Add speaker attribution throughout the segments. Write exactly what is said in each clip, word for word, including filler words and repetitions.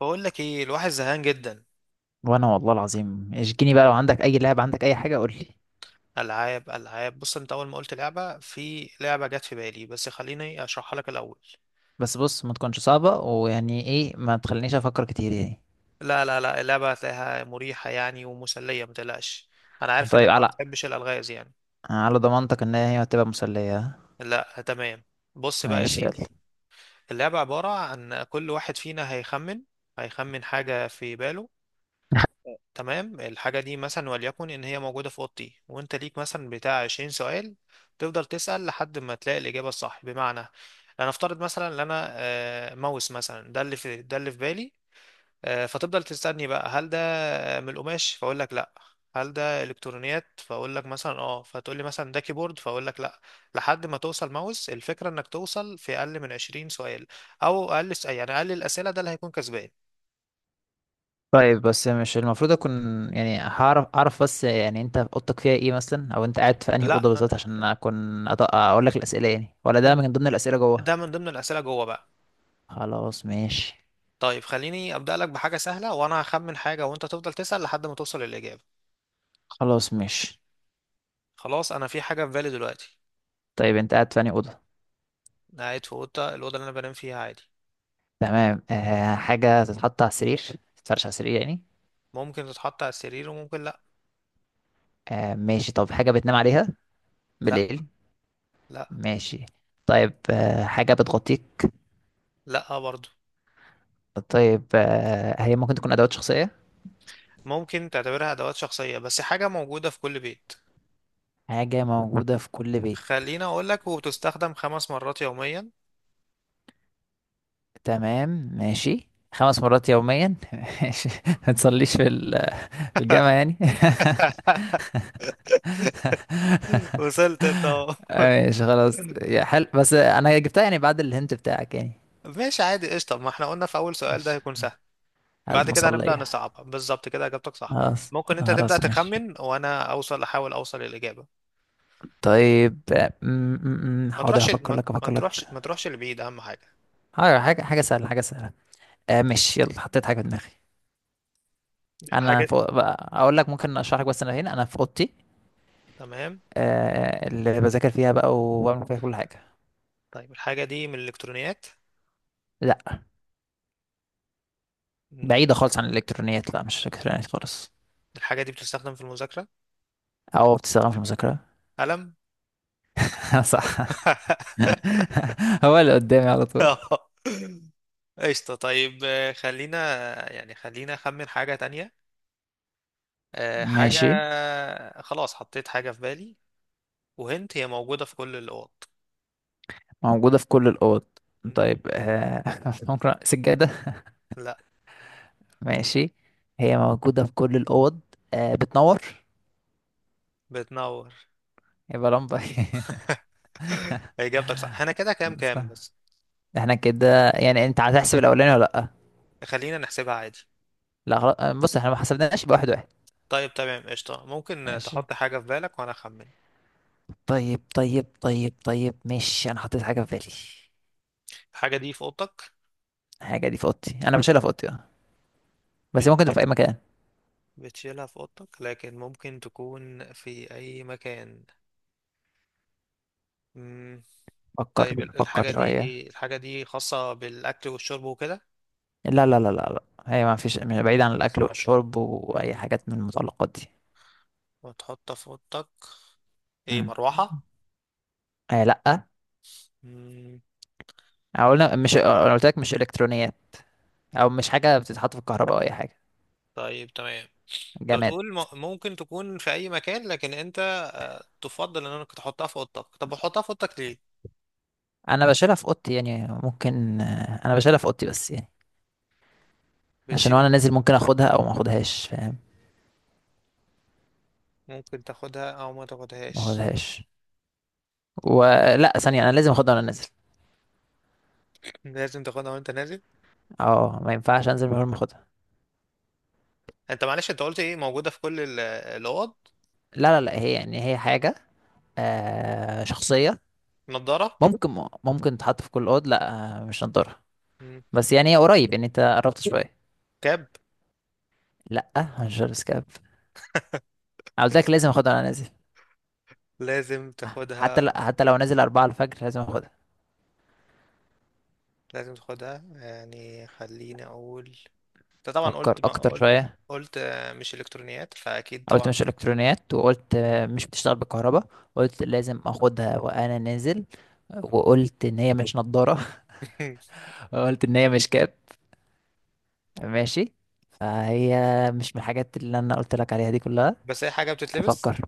Speaker 1: بقول لك ايه، الواحد زهقان جدا.
Speaker 2: وانا والله العظيم اشجيني بقى، لو عندك اي لعبة، عندك اي حاجة قول لي.
Speaker 1: العاب العاب بص، انت اول ما قلت لعبه في لعبه جت في بالي، بس خليني اشرحها لك الاول.
Speaker 2: بس بص، ما تكونش صعبة ويعني ايه، ما تخلينيش افكر كتير يعني.
Speaker 1: لا لا لا، اللعبه هتلاقيها مريحه يعني ومسليه، ما تقلقش. انا عارف انك
Speaker 2: طيب
Speaker 1: ما
Speaker 2: على
Speaker 1: بتحبش الالغاز يعني.
Speaker 2: على ضمانتك ان هي هتبقى مسلية، ها؟
Speaker 1: لا، تمام. بص بقى يا
Speaker 2: ماشي
Speaker 1: سيدي،
Speaker 2: يلا.
Speaker 1: اللعبه عباره عن كل واحد فينا هيخمن، هيخمن حاجه في باله. تمام، الحاجة دي مثلا وليكن إن هي موجودة في أوضتي، وأنت ليك مثلا بتاع عشرين سؤال، تفضل تسأل لحد ما تلاقي الإجابة الصح. بمعنى أنا أفترض مثلا إن أنا آه، ماوس مثلا، ده اللي في ده اللي في بالي. آه، فتفضل تسألني بقى هل ده من القماش، فأقول لك لأ. هل ده إلكترونيات، فأقول لك مثلا أه، فتقول لي مثلا ده كيبورد، فأقول لك لأ، لحد ما توصل ماوس. الفكرة إنك توصل في أقل من عشرين سؤال أو أقل، يعني أقل الأسئلة ده اللي هيكون كسبان.
Speaker 2: طيب بس مش المفروض اكون، يعني هعرف اعرف بس، يعني انت اوضتك فيها ايه مثلا، او انت قاعد في انهي
Speaker 1: لأ،
Speaker 2: اوضه بالظبط عشان اكون. أط- اقول لك الاسئله يعني، ولا ده من ضمن الاسئله جوه؟
Speaker 1: ده من ضمن الأسئلة جوه بقى.
Speaker 2: خلاص ماشي.
Speaker 1: طيب خليني أبدأ لك بحاجة سهلة، وأنا هخمن حاجة وأنت تفضل تسأل لحد ما توصل للإجابة.
Speaker 2: خلاص ماشي.
Speaker 1: خلاص أنا في حاجة في بالي دلوقتي.
Speaker 2: طيب انت قاعد في انهي اوضه؟
Speaker 1: أنا قاعد في أوضة، الأوضة اللي أنا بنام فيها عادي.
Speaker 2: تمام. آه، حاجه تتحط على السرير، تتفرش على السرير يعني.
Speaker 1: ممكن تتحط على السرير وممكن لأ
Speaker 2: آه ماشي. طب حاجة بتنام عليها
Speaker 1: لأ.
Speaker 2: بالليل؟
Speaker 1: لأ.
Speaker 2: ماشي. طيب، آه حاجة بتغطيك؟
Speaker 1: لأ برضه.
Speaker 2: طيب، آه هي ممكن تكون أدوات شخصية؟
Speaker 1: ممكن تعتبرها أدوات شخصية، بس حاجة موجودة في كل بيت.
Speaker 2: حاجة موجودة في كل بيت.
Speaker 1: خليني أقول لك، وبتستخدم خمس مرات يوميا.
Speaker 2: تمام. ماشي. خمس مرات يوميا؟ ماشي. ما تصليش في ال- في الجامع يعني؟
Speaker 1: وصلت أنت أهو.
Speaker 2: ماشي خلاص يا حل، بس أنا جبتها يعني بعد الهنت بتاعك يعني.
Speaker 1: ماشي عادي، قشطة، ما احنا قلنا في أول سؤال ده
Speaker 2: ماشي.
Speaker 1: هيكون سهل. بعد كده هنبدأ
Speaker 2: المصلية.
Speaker 1: نصعبها. بالظبط كده، اجابتك صح.
Speaker 2: خلاص.
Speaker 1: ممكن انت تبدأ
Speaker 2: خلاص ماشي.
Speaker 1: تخمن وانا اوصل، احاول اوصل للإجابة.
Speaker 2: طيب، آه، م- م- م،
Speaker 1: ما
Speaker 2: حاضر
Speaker 1: تروحش
Speaker 2: هفكر
Speaker 1: ما,
Speaker 2: لك،
Speaker 1: ما
Speaker 2: هفكر لك.
Speaker 1: تروحش، ما تروحش لبعيد، اهم حاجة.
Speaker 2: حاضر. حاجة حاجة سهلة حاجة سهلة. آه ماشي يلا، حطيت حاجة في دماغي. انا
Speaker 1: الحاجة
Speaker 2: فوق بقى اقول لك، ممكن اشرح لك، بس انا هنا انا في اوضتي.
Speaker 1: تمام.
Speaker 2: آه، اللي بذاكر فيها بقى وبعمل فيها كل حاجة.
Speaker 1: طيب الحاجة دي من الالكترونيات؟
Speaker 2: لا.
Speaker 1: مم،
Speaker 2: بعيدة خالص عن الالكترونيات، لا مش الكترونيات خالص.
Speaker 1: الحاجة دي بتستخدم في المذاكرة؟
Speaker 2: او بتستخدم في المذاكرة.
Speaker 1: قلم.
Speaker 2: صح. هو اللي قدامي على طول.
Speaker 1: آه. قشطة. طيب، آه، خلينا، يعني خلينا أخمن حاجة تانية. آه، حاجة
Speaker 2: ماشي.
Speaker 1: خلاص حطيت حاجة في بالي، وهنت هي موجودة في كل الأوض.
Speaker 2: موجودة في كل الأوض.
Speaker 1: مم.
Speaker 2: طيب، آه ممكن سجادة؟
Speaker 1: لا.
Speaker 2: ماشي. هي موجودة في كل الأوض. آه، بتنور.
Speaker 1: بتنور.
Speaker 2: يبقى لمبة.
Speaker 1: اجابتك صح. احنا كده كام
Speaker 2: صح.
Speaker 1: كام بس؟
Speaker 2: احنا كده يعني، انت هتحسب الأولاني ولا لأ؟
Speaker 1: خلينا نحسبها عادي.
Speaker 2: لا خلاص، آه، بص احنا ما حسبناش بواحد واحد واحد.
Speaker 1: طيب تمام، قشطة، ممكن
Speaker 2: ماشي.
Speaker 1: تحط حاجة في بالك وانا اخمن.
Speaker 2: طيب طيب طيب طيب ماشي، انا حطيت حاجة في بالي.
Speaker 1: الحاجة دي في اوضتك؟
Speaker 2: الحاجة دي في اوضتي. انا مش شايلها في اوضتي، اه، بس ممكن تبقى
Speaker 1: بتشيل-
Speaker 2: في اي مكان.
Speaker 1: بتشيلها في اوضتك لكن ممكن تكون في اي مكان. مم. طيب
Speaker 2: فكر
Speaker 1: ال-
Speaker 2: فكر
Speaker 1: الحاجة دي
Speaker 2: شوية.
Speaker 1: ايه؟ الحاجة دي خاصة بالاكل والشرب وكده؟
Speaker 2: لا لا لا لا لا، هي ما فيش، مش بعيد عن الاكل والشرب واي
Speaker 1: مم.
Speaker 2: حاجات من المتعلقات دي.
Speaker 1: وتحطها في اوضتك؟ ايه،
Speaker 2: مم.
Speaker 1: مروحة؟
Speaker 2: آه لا.
Speaker 1: مم.
Speaker 2: أو قلنا، مش انا قلت لك مش الكترونيات، او مش حاجة بتتحط في الكهرباء او اي حاجة.
Speaker 1: طيب تمام. انت
Speaker 2: جماد.
Speaker 1: بتقول م- ممكن تكون في اي مكان، لكن انت آه، تفضل انك تحطها في اوضتك، طب بتحطها في اوضتك ليه؟
Speaker 2: انا بشيلها في اوضتي يعني، ممكن، آه، انا بشيلها في اوضتي بس يعني، عشان
Speaker 1: بتشيل.
Speaker 2: وانا نازل ممكن اخدها او ما اخدهاش، فاهم؟
Speaker 1: ممكن تاخدها او ما
Speaker 2: ما
Speaker 1: تاخدهاش؟
Speaker 2: اخدهاش، ولا ثانية أنا لازم أخدها وأنا نازل؟
Speaker 1: لازم تاخدها وانت نازل.
Speaker 2: اه، ما ينفعش أنزل من غير ما أخدها.
Speaker 1: انت معلش، انت قلت ايه، موجودة في كل ال- الاوض؟
Speaker 2: لا لا لا، هي يعني هي حاجة آه شخصية.
Speaker 1: نضارة؟
Speaker 2: ممكن ممكن تتحط في كل أوض، لا. آه، مش هنطرها،
Speaker 1: مم.
Speaker 2: بس يعني هي قريب يعني، أنت قربت شوية.
Speaker 1: كاب؟
Speaker 2: لا هنشر سكاب. أنا قلت لك لازم أخدها وأنا نازل،
Speaker 1: لازم
Speaker 2: حتى لا،
Speaker 1: تاخدها.
Speaker 2: حتى لو نازل أربعة الفجر لازم أخدها.
Speaker 1: لازم تاخدها، يعني خليني اقول، انت طبعا
Speaker 2: فكر
Speaker 1: قلت، ما
Speaker 2: أكتر
Speaker 1: قلت
Speaker 2: شوية.
Speaker 1: قلت آه، مش الكترونيات، فاكيد
Speaker 2: قلت
Speaker 1: طبعا.
Speaker 2: مش إلكترونيات، وقلت آه، مش بتشتغل بالكهرباء، قلت لازم أخدها وأنا نازل، وقلت إن هي مش نضارة، قلت إن هي مش كاب. ماشي. فهي مش من الحاجات اللي انا قلت لك عليها دي كلها.
Speaker 1: بس هي حاجة بتتلبس؟
Speaker 2: افكر.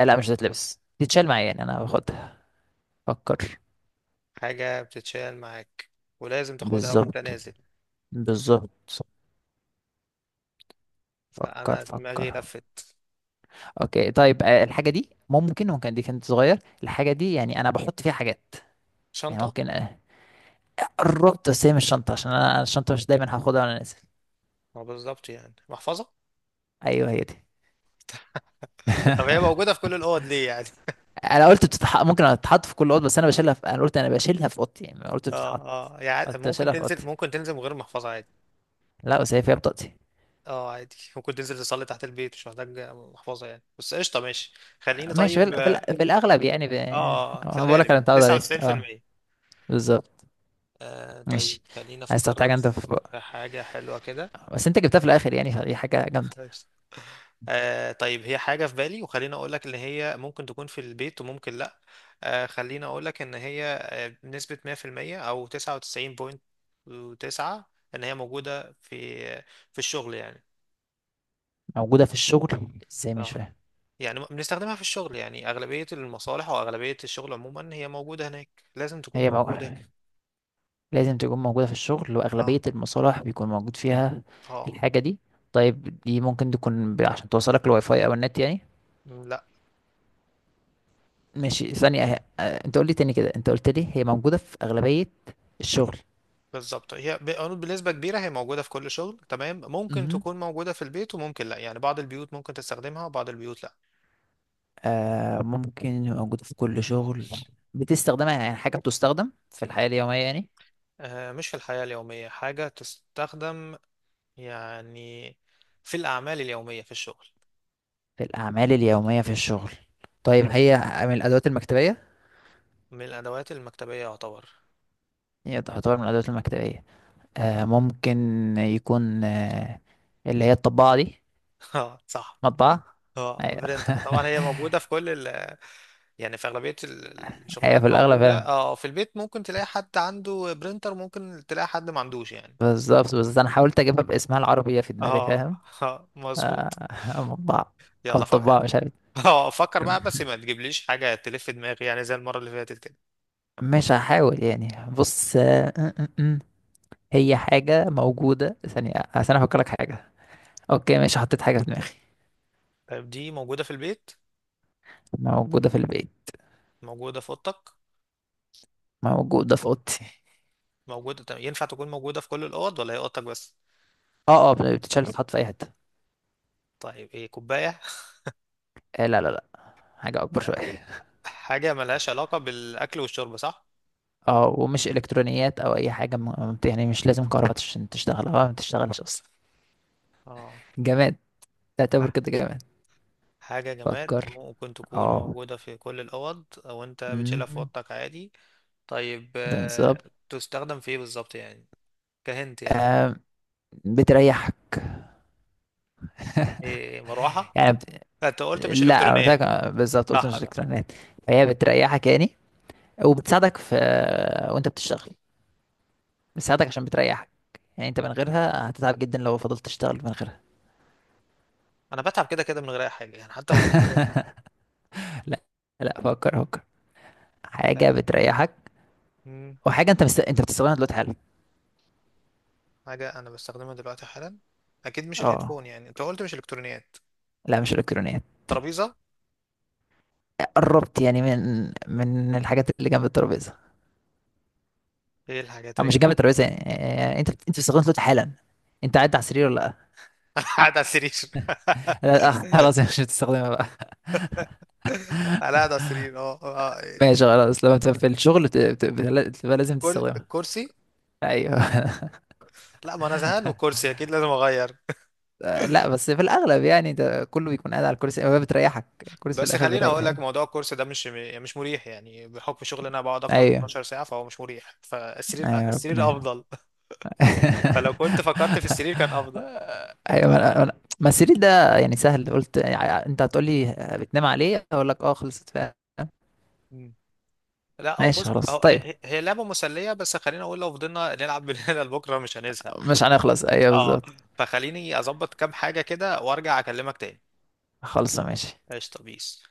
Speaker 2: آه، لا مش هتتلبس، تتشال معايا يعني، انا باخدها. افكر.
Speaker 1: حاجة بتتشال معاك، ولازم تاخدها وانت
Speaker 2: بالظبط.
Speaker 1: نازل؟
Speaker 2: بالظبط.
Speaker 1: لا،
Speaker 2: فكر
Speaker 1: انا دماغي
Speaker 2: فكر.
Speaker 1: لفت.
Speaker 2: اوكي طيب، آه، الحاجه دي ممكن، ممكن دي كانت صغير الحاجه دي يعني انا بحط فيها حاجات. يعني
Speaker 1: شنطة؟
Speaker 2: ممكن. آه، قربت، بس هي مش شنطه، عشان انا أنا الشنطه مش دايما هاخدها وانا نازل.
Speaker 1: ما بالظبط، يعني محفظة.
Speaker 2: ايوه هي دي.
Speaker 1: طب هي موجودة في كل الأوض ليه يعني؟
Speaker 2: انا قلت بتتح... ممكن تتحط في كل اوضه، بس انا بشيلها في... انا قلت انا بشيلها في اوضتي يعني، ما قلت
Speaker 1: اه.
Speaker 2: بتتحط.
Speaker 1: اه يعني
Speaker 2: قلت
Speaker 1: ممكن
Speaker 2: بشيلها في
Speaker 1: تنزل،
Speaker 2: اوضتي.
Speaker 1: ممكن تنزل من غير محفظة عادي.
Speaker 2: لا بس هي فيها بطاقتي.
Speaker 1: اه عادي، ممكن تنزل تصلي تحت البيت، مش محتاج محفظة يعني. بس قشطة، ماشي. خليني،
Speaker 2: ماشي. في,
Speaker 1: طيب
Speaker 2: ال- في, ال-
Speaker 1: اه،
Speaker 2: في الاغلب يعني، ب...
Speaker 1: آه، آه، في
Speaker 2: أنا بقول لك
Speaker 1: الغالب
Speaker 2: انا
Speaker 1: يعني
Speaker 2: متعود عليه، اه.
Speaker 1: تسعة وتسعين بالمية.
Speaker 2: بالظبط.
Speaker 1: آه طيب
Speaker 2: ماشي.
Speaker 1: خليني
Speaker 2: عايز تحط
Speaker 1: افكرك
Speaker 2: حاجه انت في،
Speaker 1: في حاجة حلوة كده.
Speaker 2: بس انت جبتها في الاخر يعني، فدي حاجه جامده.
Speaker 1: قشطة. آه طيب، هي حاجة في بالي، وخليني اقول لك ان هي ممكن تكون في البيت وممكن لا. آه خليني اقول لك ان هي، آه، بنسبة مية في المية او تسعة وتسعين فاصلة تسعة، ان هي موجودة في، آه، في الشغل يعني.
Speaker 2: موجوده في الشغل ازاي؟ مش
Speaker 1: اه.
Speaker 2: فاهم.
Speaker 1: يعني بنستخدمها في الشغل، يعني أغلبية المصالح وأغلبية الشغل عموما هي موجودة هناك، لازم تكون
Speaker 2: هي مو...
Speaker 1: موجودة ك-
Speaker 2: لازم تكون موجوده في الشغل، واغلبيه
Speaker 1: اه.
Speaker 2: المصالح بيكون موجود فيها
Speaker 1: اه.
Speaker 2: الحاجه دي؟ طيب دي ممكن تكون ب... عشان توصلك الواي فاي او النت يعني؟
Speaker 1: م، لا.
Speaker 2: ماشي. ثانيه أه... آه، انت قول لي تاني كده، انت قلت لي هي موجوده في اغلبيه الشغل.
Speaker 1: بالظبط، هي ب- بنسبة كبيرة هي موجودة في كل شغل، تمام. ممكن تكون موجودة في البيت وممكن لا، يعني بعض البيوت ممكن تستخدمها وبعض البيوت لا.
Speaker 2: آه، ممكن يبقى موجودة في كل شغل. بتستخدمها يعني، حاجة بتستخدم في الحياة اليومية يعني.
Speaker 1: آه مش في الحياة اليومية حاجة تستخدم، يعني في الأعمال اليومية، في الشغل.
Speaker 2: في الأعمال اليومية في الشغل. طيب هي من الأدوات المكتبية.
Speaker 1: من الأدوات المكتبية يعتبر.
Speaker 2: هي تعتبر من الأدوات المكتبية. آه، ممكن يكون آه اللي هي الطباعة دي.
Speaker 1: اه صح.
Speaker 2: مطبعة.
Speaker 1: اه،
Speaker 2: أيوة.
Speaker 1: برينتر طبعا، هي موجودة في كل ال، يعني في أغلبية ال-
Speaker 2: هي في
Speaker 1: الشغلانات
Speaker 2: الأغلب
Speaker 1: موجودة.
Speaker 2: فعلا.
Speaker 1: اه في البيت ممكن تلاقي حد عنده برينتر، ممكن تلاقي حد ما عندوش يعني.
Speaker 2: بالظبط، بس أنا حاولت أجيبها باسمها العربي في دماغي،
Speaker 1: اه.
Speaker 2: فاهم؟
Speaker 1: آه، مظبوط.
Speaker 2: آه، مطبعة. أو
Speaker 1: يلا
Speaker 2: الطباعة،
Speaker 1: فكر.
Speaker 2: مش عارف.
Speaker 1: اه فكر بقى، بس ما تجيبليش حاجة تلف دماغي يعني، زي المرة اللي فاتت كده.
Speaker 2: مش هحاول يعني، بص. هي حاجة موجودة ثانية عشان أفكر لك حاجة. أوكي ماشي، حطيت حاجة في دماغي.
Speaker 1: طيب دي موجودة في البيت؟
Speaker 2: موجودة في البيت.
Speaker 1: موجودة في أوضتك؟
Speaker 2: موجودة في أوضتي.
Speaker 1: موجودة، طب ينفع تكون موجودة في كل الأوض ولا هي أوضتك بس؟
Speaker 2: أه أه، بتتشال تتحط في أي حتة.
Speaker 1: طيب ايه، كوباية؟
Speaker 2: آه لا لا لا، حاجة أكبر شوية.
Speaker 1: حاجة ملهاش علاقة بالأكل والشرب، صح؟
Speaker 2: أه، ومش إلكترونيات أو أي حاجة، م... يعني مش لازم كهرباء عشان تشتغل، أه ما بتشتغلش أصلا.
Speaker 1: اه.
Speaker 2: جماد. تعتبر
Speaker 1: ح-
Speaker 2: كده جماد.
Speaker 1: حاجة جماد،
Speaker 2: فكر.
Speaker 1: ممكن تكون
Speaker 2: أه.
Speaker 1: موجودة في كل الأوض أو أنت بتشيلها في
Speaker 2: أمم،
Speaker 1: أوضتك عادي. طيب آه،
Speaker 2: بالظبط.
Speaker 1: تستخدم في ايه بالظبط يعني؟ كهنت يعني.
Speaker 2: آه، بتريحك
Speaker 1: إيه، مروحة؟
Speaker 2: يعني، بت...
Speaker 1: لا، انت قلت مش
Speaker 2: لا أنا قلت لك،
Speaker 1: الكترونيات.
Speaker 2: آه، بالظبط قلت
Speaker 1: صح
Speaker 2: مش
Speaker 1: ده.
Speaker 2: إلكترونيات. فهي بتريحك يعني، وبتساعدك في آه، وأنت بتشتغل. بتساعدك عشان بتريحك. يعني انت من غيرها هتتعب جدا لو فضلت تشتغل من غيرها.
Speaker 1: انا بتعب كده كده من غير اي حاجة يعني، حتى من أحلى واحد.
Speaker 2: لا. لا فكر فكر. حاجة
Speaker 1: آه،
Speaker 2: بتريحك،
Speaker 1: مم،
Speaker 2: وحاجة انت مست... انت بتستخدمها دلوقتي حالا.
Speaker 1: حاجة انا بستخدمها دلوقتي حالا؟ اكيد مش الهيدفون،
Speaker 2: اه.
Speaker 1: يعني انت قلت مش الكترونيات.
Speaker 2: لا مش الكترونيات.
Speaker 1: ترابيزة؟
Speaker 2: قربت يعني، من من الحاجات اللي جنب الترابيزة.
Speaker 1: ايه الحاجات
Speaker 2: او
Speaker 1: اللي
Speaker 2: مش جنب
Speaker 1: جنبك؟
Speaker 2: الترابيزة يعني، آه، انت انت بتستخدمها دلوقتي حالا. انت قاعد على السرير ولا؟
Speaker 1: انا قاعد على السرير.
Speaker 2: لا لا، آه، خلاص مش هتستخدمها بقى.
Speaker 1: انا قاعد على السرير اه. آه، آه.
Speaker 2: ماشي خلاص، لما تبقى في الشغل ت- بت- بت- بتبقى لازم
Speaker 1: كل
Speaker 2: تستخدمها.
Speaker 1: الكرسي؟
Speaker 2: ايوه.
Speaker 1: لا، ما انا زهقان من الكرسي، اكيد لازم اغير.
Speaker 2: آه، لا بس في الاغلب يعني، انت كله بيكون قاعد على الكرسي، هو بتريحك. الكرسي في
Speaker 1: بس
Speaker 2: الاخر
Speaker 1: خليني
Speaker 2: بيريح
Speaker 1: اقول لك،
Speaker 2: يعني.
Speaker 1: موضوع الكورس ده مش، مش مريح يعني، بحكم شغلي انا بقعد اكتر من
Speaker 2: ايوه.
Speaker 1: اثنا عشر ساعه، فهو مش مريح، فالسرير،
Speaker 2: ايوه
Speaker 1: السرير
Speaker 2: ربنا.
Speaker 1: افضل. فلو كنت فكرت في السرير كان افضل.
Speaker 2: ايوه، ما أنا- ما أنا- ما السرير ده يعني سهل، قلت يعني انت هتقول لي بتنام عليه، اقول لك اه، خلصت فعلا.
Speaker 1: مم. لا هو
Speaker 2: ماشي
Speaker 1: بص،
Speaker 2: خلاص
Speaker 1: هو هي,
Speaker 2: طيب.
Speaker 1: هي هي لعبه مسليه، بس خليني اقول، لو فضلنا نلعب من هنا لبكره مش هنزهق.
Speaker 2: مش هنخلص، ايوه
Speaker 1: اه.
Speaker 2: بالظبط.
Speaker 1: فخليني اظبط كام حاجه كده وارجع اكلمك تاني.
Speaker 2: خلص ماشي.
Speaker 1: قشطه، بيس.